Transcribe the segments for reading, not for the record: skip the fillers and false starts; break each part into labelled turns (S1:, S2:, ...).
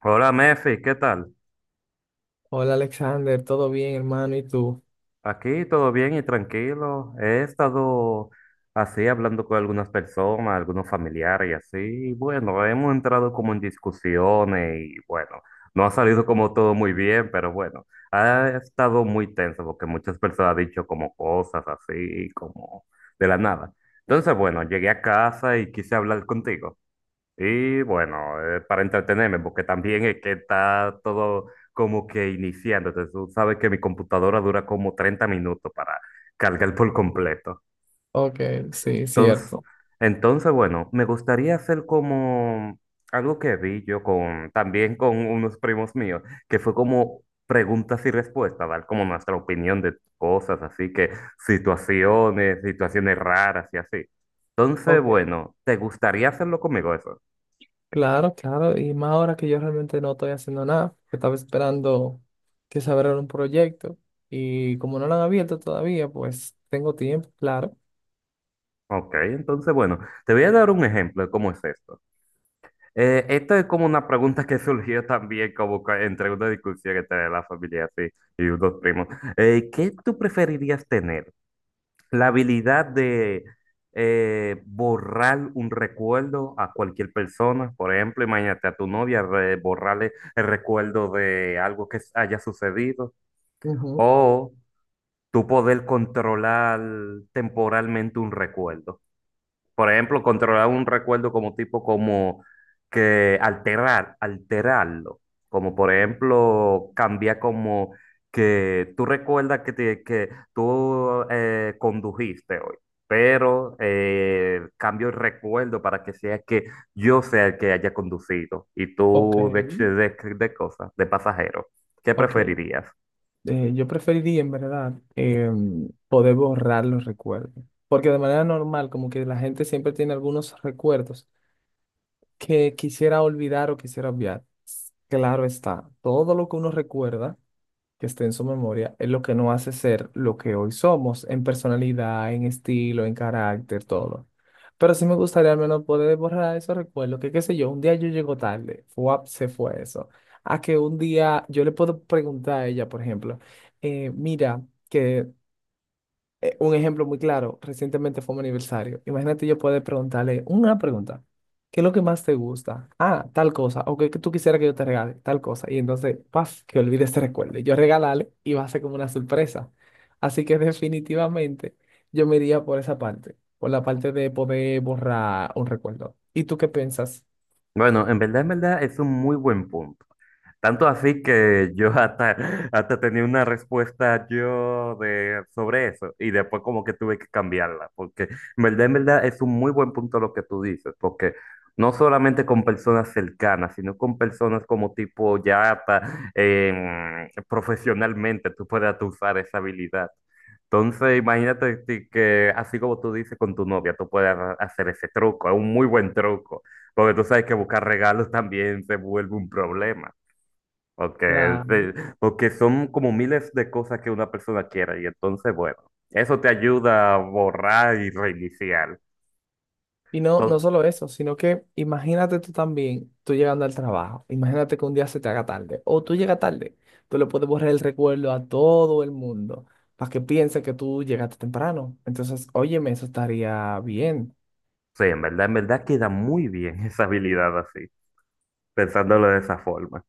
S1: Hola Mefi, ¿qué tal?
S2: Hola Alexander, ¿todo bien, hermano? ¿Y tú?
S1: Aquí todo bien y tranquilo. He estado así hablando con algunas personas, algunos familiares y así. Bueno, hemos entrado como en discusiones y bueno, no ha salido como todo muy bien, pero bueno, ha estado muy tenso porque muchas personas han dicho como cosas así, como de la nada. Entonces, bueno, llegué a casa y quise hablar contigo. Y bueno, para entretenerme, porque también es que está todo como que iniciando. Entonces, tú sabes que mi computadora dura como 30 minutos para cargar por completo.
S2: Ok, sí,
S1: Entonces,
S2: cierto.
S1: entonces, bueno, me gustaría hacer como algo que vi yo con, también con unos primos míos, que fue como preguntas y respuestas, dar como nuestra opinión de cosas, así que situaciones raras y así. Entonces,
S2: Ok,
S1: bueno, ¿te gustaría hacerlo conmigo eso?
S2: claro, claro. Y más ahora que yo realmente no estoy haciendo nada, que estaba esperando que se abriera un proyecto y como no lo han abierto todavía, pues tengo tiempo, claro.
S1: Ok, entonces bueno, te voy a dar un ejemplo de cómo es esto. Esto es como una pregunta que surgió también como que entre una discusión entre la familia así, y unos primos. ¿qué tú preferirías tener? ¿La habilidad de borrar un recuerdo a cualquier persona? Por ejemplo, imagínate a tu novia borrarle el recuerdo de algo que haya sucedido
S2: Ujú.
S1: o tú poder controlar temporalmente un recuerdo. Por ejemplo, controlar un recuerdo como tipo como que alterarlo. Como por ejemplo, cambiar como que tú recuerdas que, que tú condujiste hoy, pero cambio el recuerdo para que sea que yo sea el que haya conducido y
S2: Ok,
S1: tú de, de cosas, de pasajero. ¿Qué
S2: ok.
S1: preferirías?
S2: Yo preferiría en verdad, poder borrar los recuerdos, porque de manera normal, como que la gente siempre tiene algunos recuerdos que quisiera olvidar o quisiera obviar. Claro está, todo lo que uno recuerda que esté en su memoria, es lo que nos hace ser lo que hoy somos, en personalidad, en estilo, en carácter, todo. Pero sí me gustaría al menos poder borrar esos recuerdos, que qué sé yo, un día yo llego tarde, ¡fuap!, se fue eso. A que un día yo le puedo preguntar a ella, por ejemplo, mira, que un ejemplo muy claro, recientemente fue mi aniversario. Imagínate yo poder preguntarle una pregunta. ¿Qué es lo que más te gusta? Ah, tal cosa. O que tú quisieras que yo te regale, tal cosa. Y entonces, paf, que olvide este recuerdo. Y yo regalarle y va a ser como una sorpresa. Así que definitivamente yo me iría por esa parte, por la parte de poder borrar un recuerdo. ¿Y tú qué piensas?
S1: Bueno, en verdad es un muy buen punto. Tanto así que yo hasta tenía una respuesta yo de, sobre eso y después como que tuve que cambiarla, porque en verdad es un muy buen punto lo que tú dices, porque no solamente con personas cercanas, sino con personas como tipo ya hasta profesionalmente tú puedes hasta usar esa habilidad. Entonces imagínate ti que así como tú dices con tu novia, tú puedes hacer ese truco, es un muy buen truco, porque tú sabes que buscar regalos también se vuelve un problema porque
S2: Claro.
S1: sí, porque son como miles de cosas que una persona quiere y entonces, bueno, eso te ayuda a borrar y reiniciar.
S2: Y no, no
S1: Entonces,
S2: solo eso, sino que imagínate tú también, tú llegando al trabajo, imagínate que un día se te haga tarde, o tú llegas tarde, tú le puedes borrar el recuerdo a todo el mundo para que piense que tú llegaste temprano. Entonces, óyeme, eso estaría bien.
S1: sí, en verdad queda muy bien esa habilidad así, pensándolo de esa forma.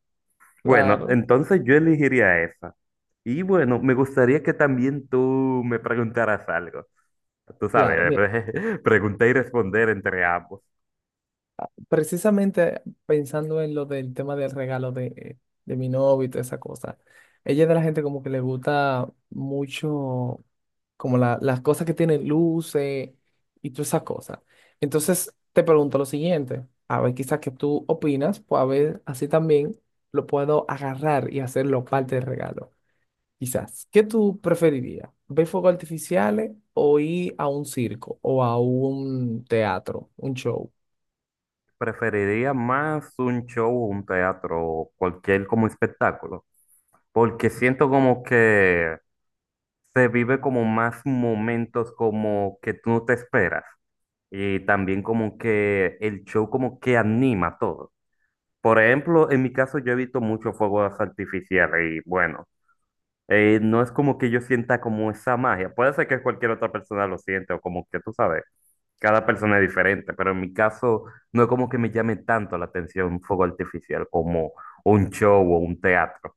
S1: Bueno,
S2: Claro,
S1: entonces yo elegiría esa. Y bueno, me gustaría que también tú me preguntaras algo. Tú
S2: claro.
S1: sabes, preguntar y responder entre ambos.
S2: Precisamente pensando en lo del tema del regalo de mi novio y toda esa cosa, ella es de la gente como que le gusta mucho como las cosas que tienen luces y todas esas cosas. Entonces te pregunto lo siguiente, a ver quizás que tú opinas, pues a ver así también lo puedo agarrar y hacerlo parte del regalo. Quizás, ¿qué tú preferirías? ¿Ver fuegos artificiales o ir a un circo o a un teatro, un show?
S1: Preferiría más un show, un teatro, o cualquier como espectáculo, porque siento como que se vive como más momentos como que tú no te esperas y también como que el show como que anima todo. Por ejemplo, en mi caso yo evito mucho fuegos artificiales y bueno, no es como que yo sienta como esa magia, puede ser que cualquier otra persona lo siente o como que tú sabes. Cada persona es diferente, pero en mi caso no es como que me llame tanto la atención un fuego artificial como un show o un teatro.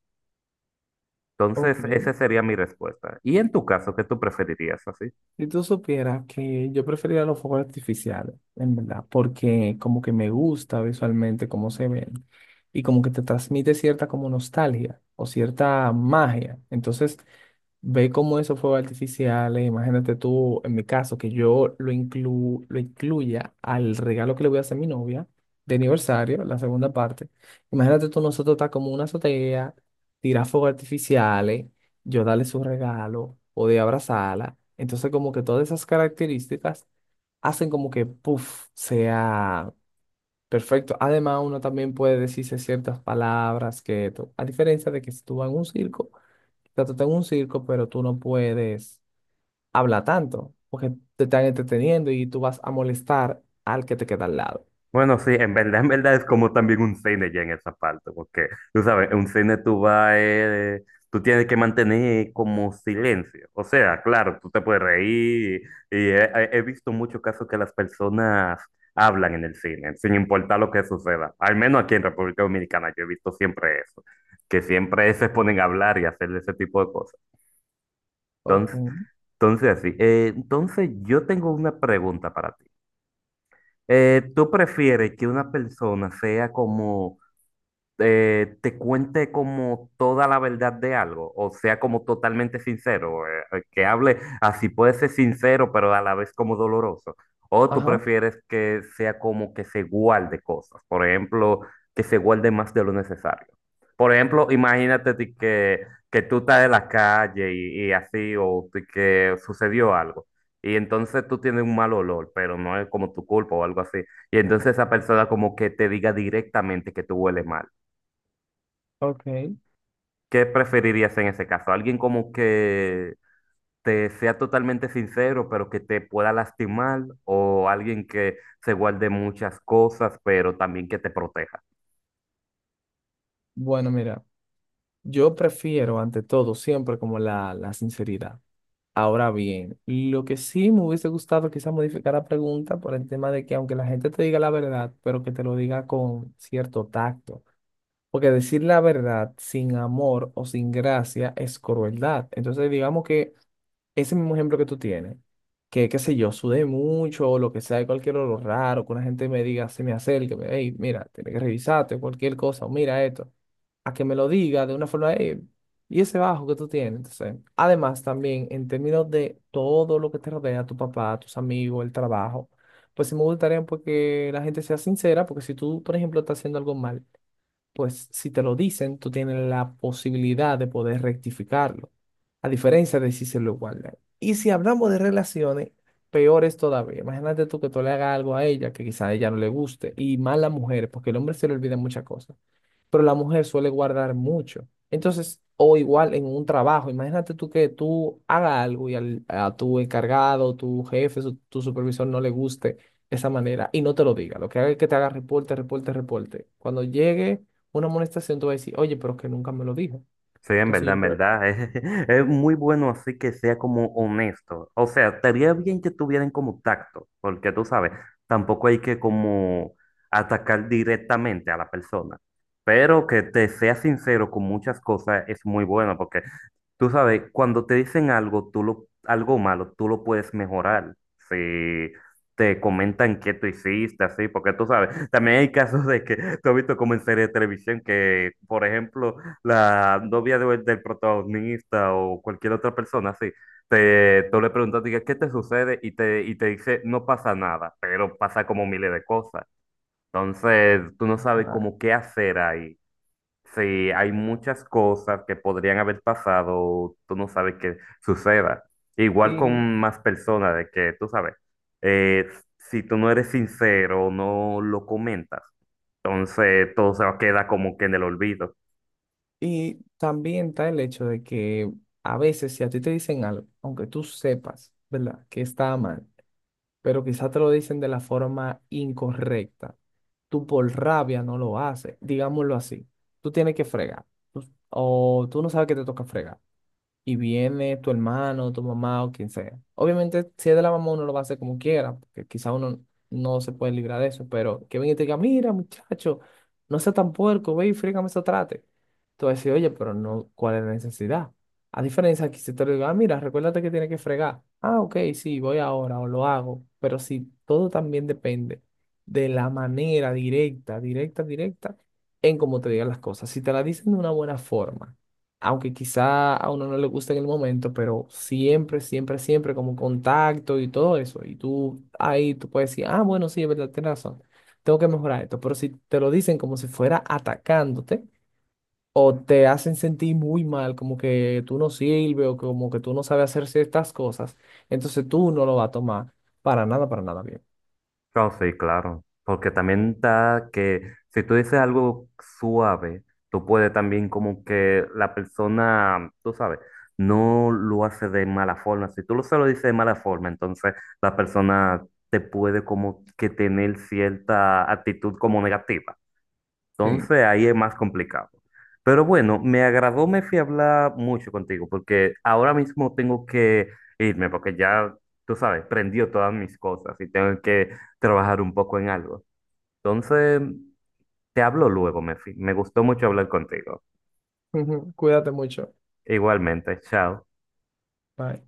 S2: Ok,
S1: Entonces, esa sería mi respuesta. ¿Y en tu caso, qué tú preferirías así?
S2: si tú supieras que yo preferiría los fuegos artificiales, en verdad, porque como que me gusta visualmente cómo se ven y como que te transmite cierta como nostalgia o cierta magia. Entonces, ve cómo esos fuegos artificiales, imagínate tú, en mi caso, que yo lo incluya al regalo que le voy a hacer a mi novia de aniversario, la segunda parte. Imagínate tú, nosotros está como una azotea, tirar fuegos artificiales, yo darle su regalo, poder abrazarla. Entonces, como que todas esas características hacen como que, puff, sea perfecto. Además, uno también puede decirse ciertas palabras que, a diferencia de que si tú vas en un circo, sea, tú estás un circo, pero tú no puedes hablar tanto, porque te están entreteniendo y tú vas a molestar al que te queda al lado.
S1: Bueno, sí, en verdad es como también un cine ya en esa parte, porque tú sabes, en un cine tú vas, tú tienes que mantener como silencio. O sea, claro, tú te puedes reír y he visto muchos casos que las personas hablan en el cine, sin importar lo que suceda. Al menos aquí en República Dominicana yo he visto siempre eso, que siempre se ponen a hablar y hacer ese tipo de cosas.
S2: Ok.
S1: Entonces, entonces así, entonces yo tengo una pregunta para ti. ¿tú prefieres que una persona sea como, te cuente como toda la verdad de algo, o sea, como totalmente sincero, que hable así puede ser sincero, pero a la vez como doloroso. O tú
S2: Ajá,
S1: prefieres que sea como que se guarde cosas, por ejemplo, que se guarde más de lo necesario. Por ejemplo, imagínate ti que tú estás en la calle y así, o ti que sucedió algo. Y entonces tú tienes un mal olor, pero no es como tu culpa o algo así. Y entonces esa persona como que te diga directamente que tú hueles mal.
S2: ok.
S1: ¿Qué preferirías en ese caso? ¿Alguien como que te sea totalmente sincero, pero que te pueda lastimar? ¿O alguien que se guarde muchas cosas, pero también que te proteja?
S2: Bueno, mira, yo prefiero ante todo siempre como la sinceridad. Ahora bien, lo que sí me hubiese gustado quizás modificar la pregunta por el tema de que aunque la gente te diga la verdad, pero que te lo diga con cierto tacto. Porque decir la verdad sin amor o sin gracia es crueldad. Entonces, digamos que ese mismo ejemplo que tú tienes, que qué sé yo, sudé mucho o lo que sea, cualquier olor raro, que una gente me diga, se me acerque, hey, mira, tienes que revisarte, cualquier cosa, o mira esto, a que me lo diga de una forma, "Ey, y ese bajo que tú tienes". Entonces, además, también en términos de todo lo que te rodea, tu papá, tus amigos, el trabajo, pues sí me gustaría porque la gente sea sincera, porque si tú, por ejemplo, estás haciendo algo mal, pues si te lo dicen, tú tienes la posibilidad de poder rectificarlo, a diferencia de si se lo guardan. Y si hablamos de relaciones, peor es todavía. Imagínate tú que tú le hagas algo a ella que quizá a ella no le guste, y más a la mujer, porque el hombre se le olvida muchas cosas, pero la mujer suele guardar mucho. Entonces, o igual en un trabajo, imagínate tú que tú hagas algo y a tu encargado, tu jefe, tu supervisor no le guste esa manera y no te lo diga. Lo que haga es que te haga reporte, reporte, reporte. Cuando llegue una amonestación, tú vas a decir, oye, pero es que nunca me lo dijo.
S1: Sí, en
S2: Entonces
S1: verdad,
S2: yo,
S1: en
S2: pero,
S1: verdad. Es muy bueno así que sea como honesto. O sea, estaría bien que tuvieran como tacto, porque tú sabes, tampoco hay que como atacar directamente a la persona. Pero que te sea sincero con muchas cosas es muy bueno, porque tú sabes, cuando te dicen algo, algo malo, tú lo puedes mejorar. Si te comentan qué tú hiciste, así, porque tú sabes, también hay casos de que tú has visto como en series de televisión que, por ejemplo, la novia del protagonista o cualquier otra persona, así, tú le preguntas, diga, ¿qué te sucede? Y te dice, no pasa nada, pero pasa como miles de cosas. Entonces, tú no sabes
S2: ah,
S1: cómo qué hacer ahí. Sí, hay muchas cosas que podrían haber pasado, tú no sabes qué suceda. Igual
S2: y,
S1: con más personas, de que tú sabes, eh, si tú no eres sincero, no lo comentas, entonces todo se va a quedar como que en el olvido.
S2: y también está el hecho de que a veces si a ti te dicen algo, aunque tú sepas, ¿verdad? Que está mal, pero quizás te lo dicen de la forma incorrecta. Tú por rabia no lo haces, digámoslo así. Tú tienes que fregar tú- o tú no sabes que te toca fregar y viene tu hermano, tu mamá o quien sea. Obviamente, si es de la mamá, uno lo va a hacer como quiera, porque quizá uno no se puede librar de eso, pero que venga y te diga, mira, muchacho, no seas tan puerco, ve y frígame eso trate. Tú vas a decir, oye, pero no, ¿cuál es la necesidad? A diferencia que si te lo digo, ah, mira, recuérdate que tienes que fregar. Ah, ok, sí, voy ahora o lo hago, pero si todo también depende de la manera directa, directa, directa, en cómo te digan las cosas. Si te la dicen de una buena forma, aunque quizá a uno no le guste en el momento, pero siempre, siempre, siempre como contacto y todo eso. Y tú ahí tú puedes decir, ah, bueno, sí, es verdad, tienes razón, tengo que mejorar esto. Pero si te lo dicen como si fuera atacándote o te hacen sentir muy mal, como que tú no sirves o como que tú no sabes hacer ciertas cosas, entonces tú no lo vas a tomar para nada bien.
S1: No, sí, claro, porque también da que si tú dices algo suave, tú puedes también como que la persona, tú sabes, no lo hace de mala forma. Si tú lo se lo dices de mala forma, entonces la persona te puede como que tener cierta actitud como negativa.
S2: Sí.
S1: Entonces ahí es más complicado. Pero bueno, me agradó, me fui a hablar mucho contigo porque ahora mismo tengo que irme porque ya, tú sabes, prendió todas mis cosas y tengo que trabajar un poco en algo. Entonces, te hablo luego, Mefi. Me gustó mucho hablar contigo.
S2: Ujú, cuídate mucho.
S1: Igualmente, chao.
S2: Bye.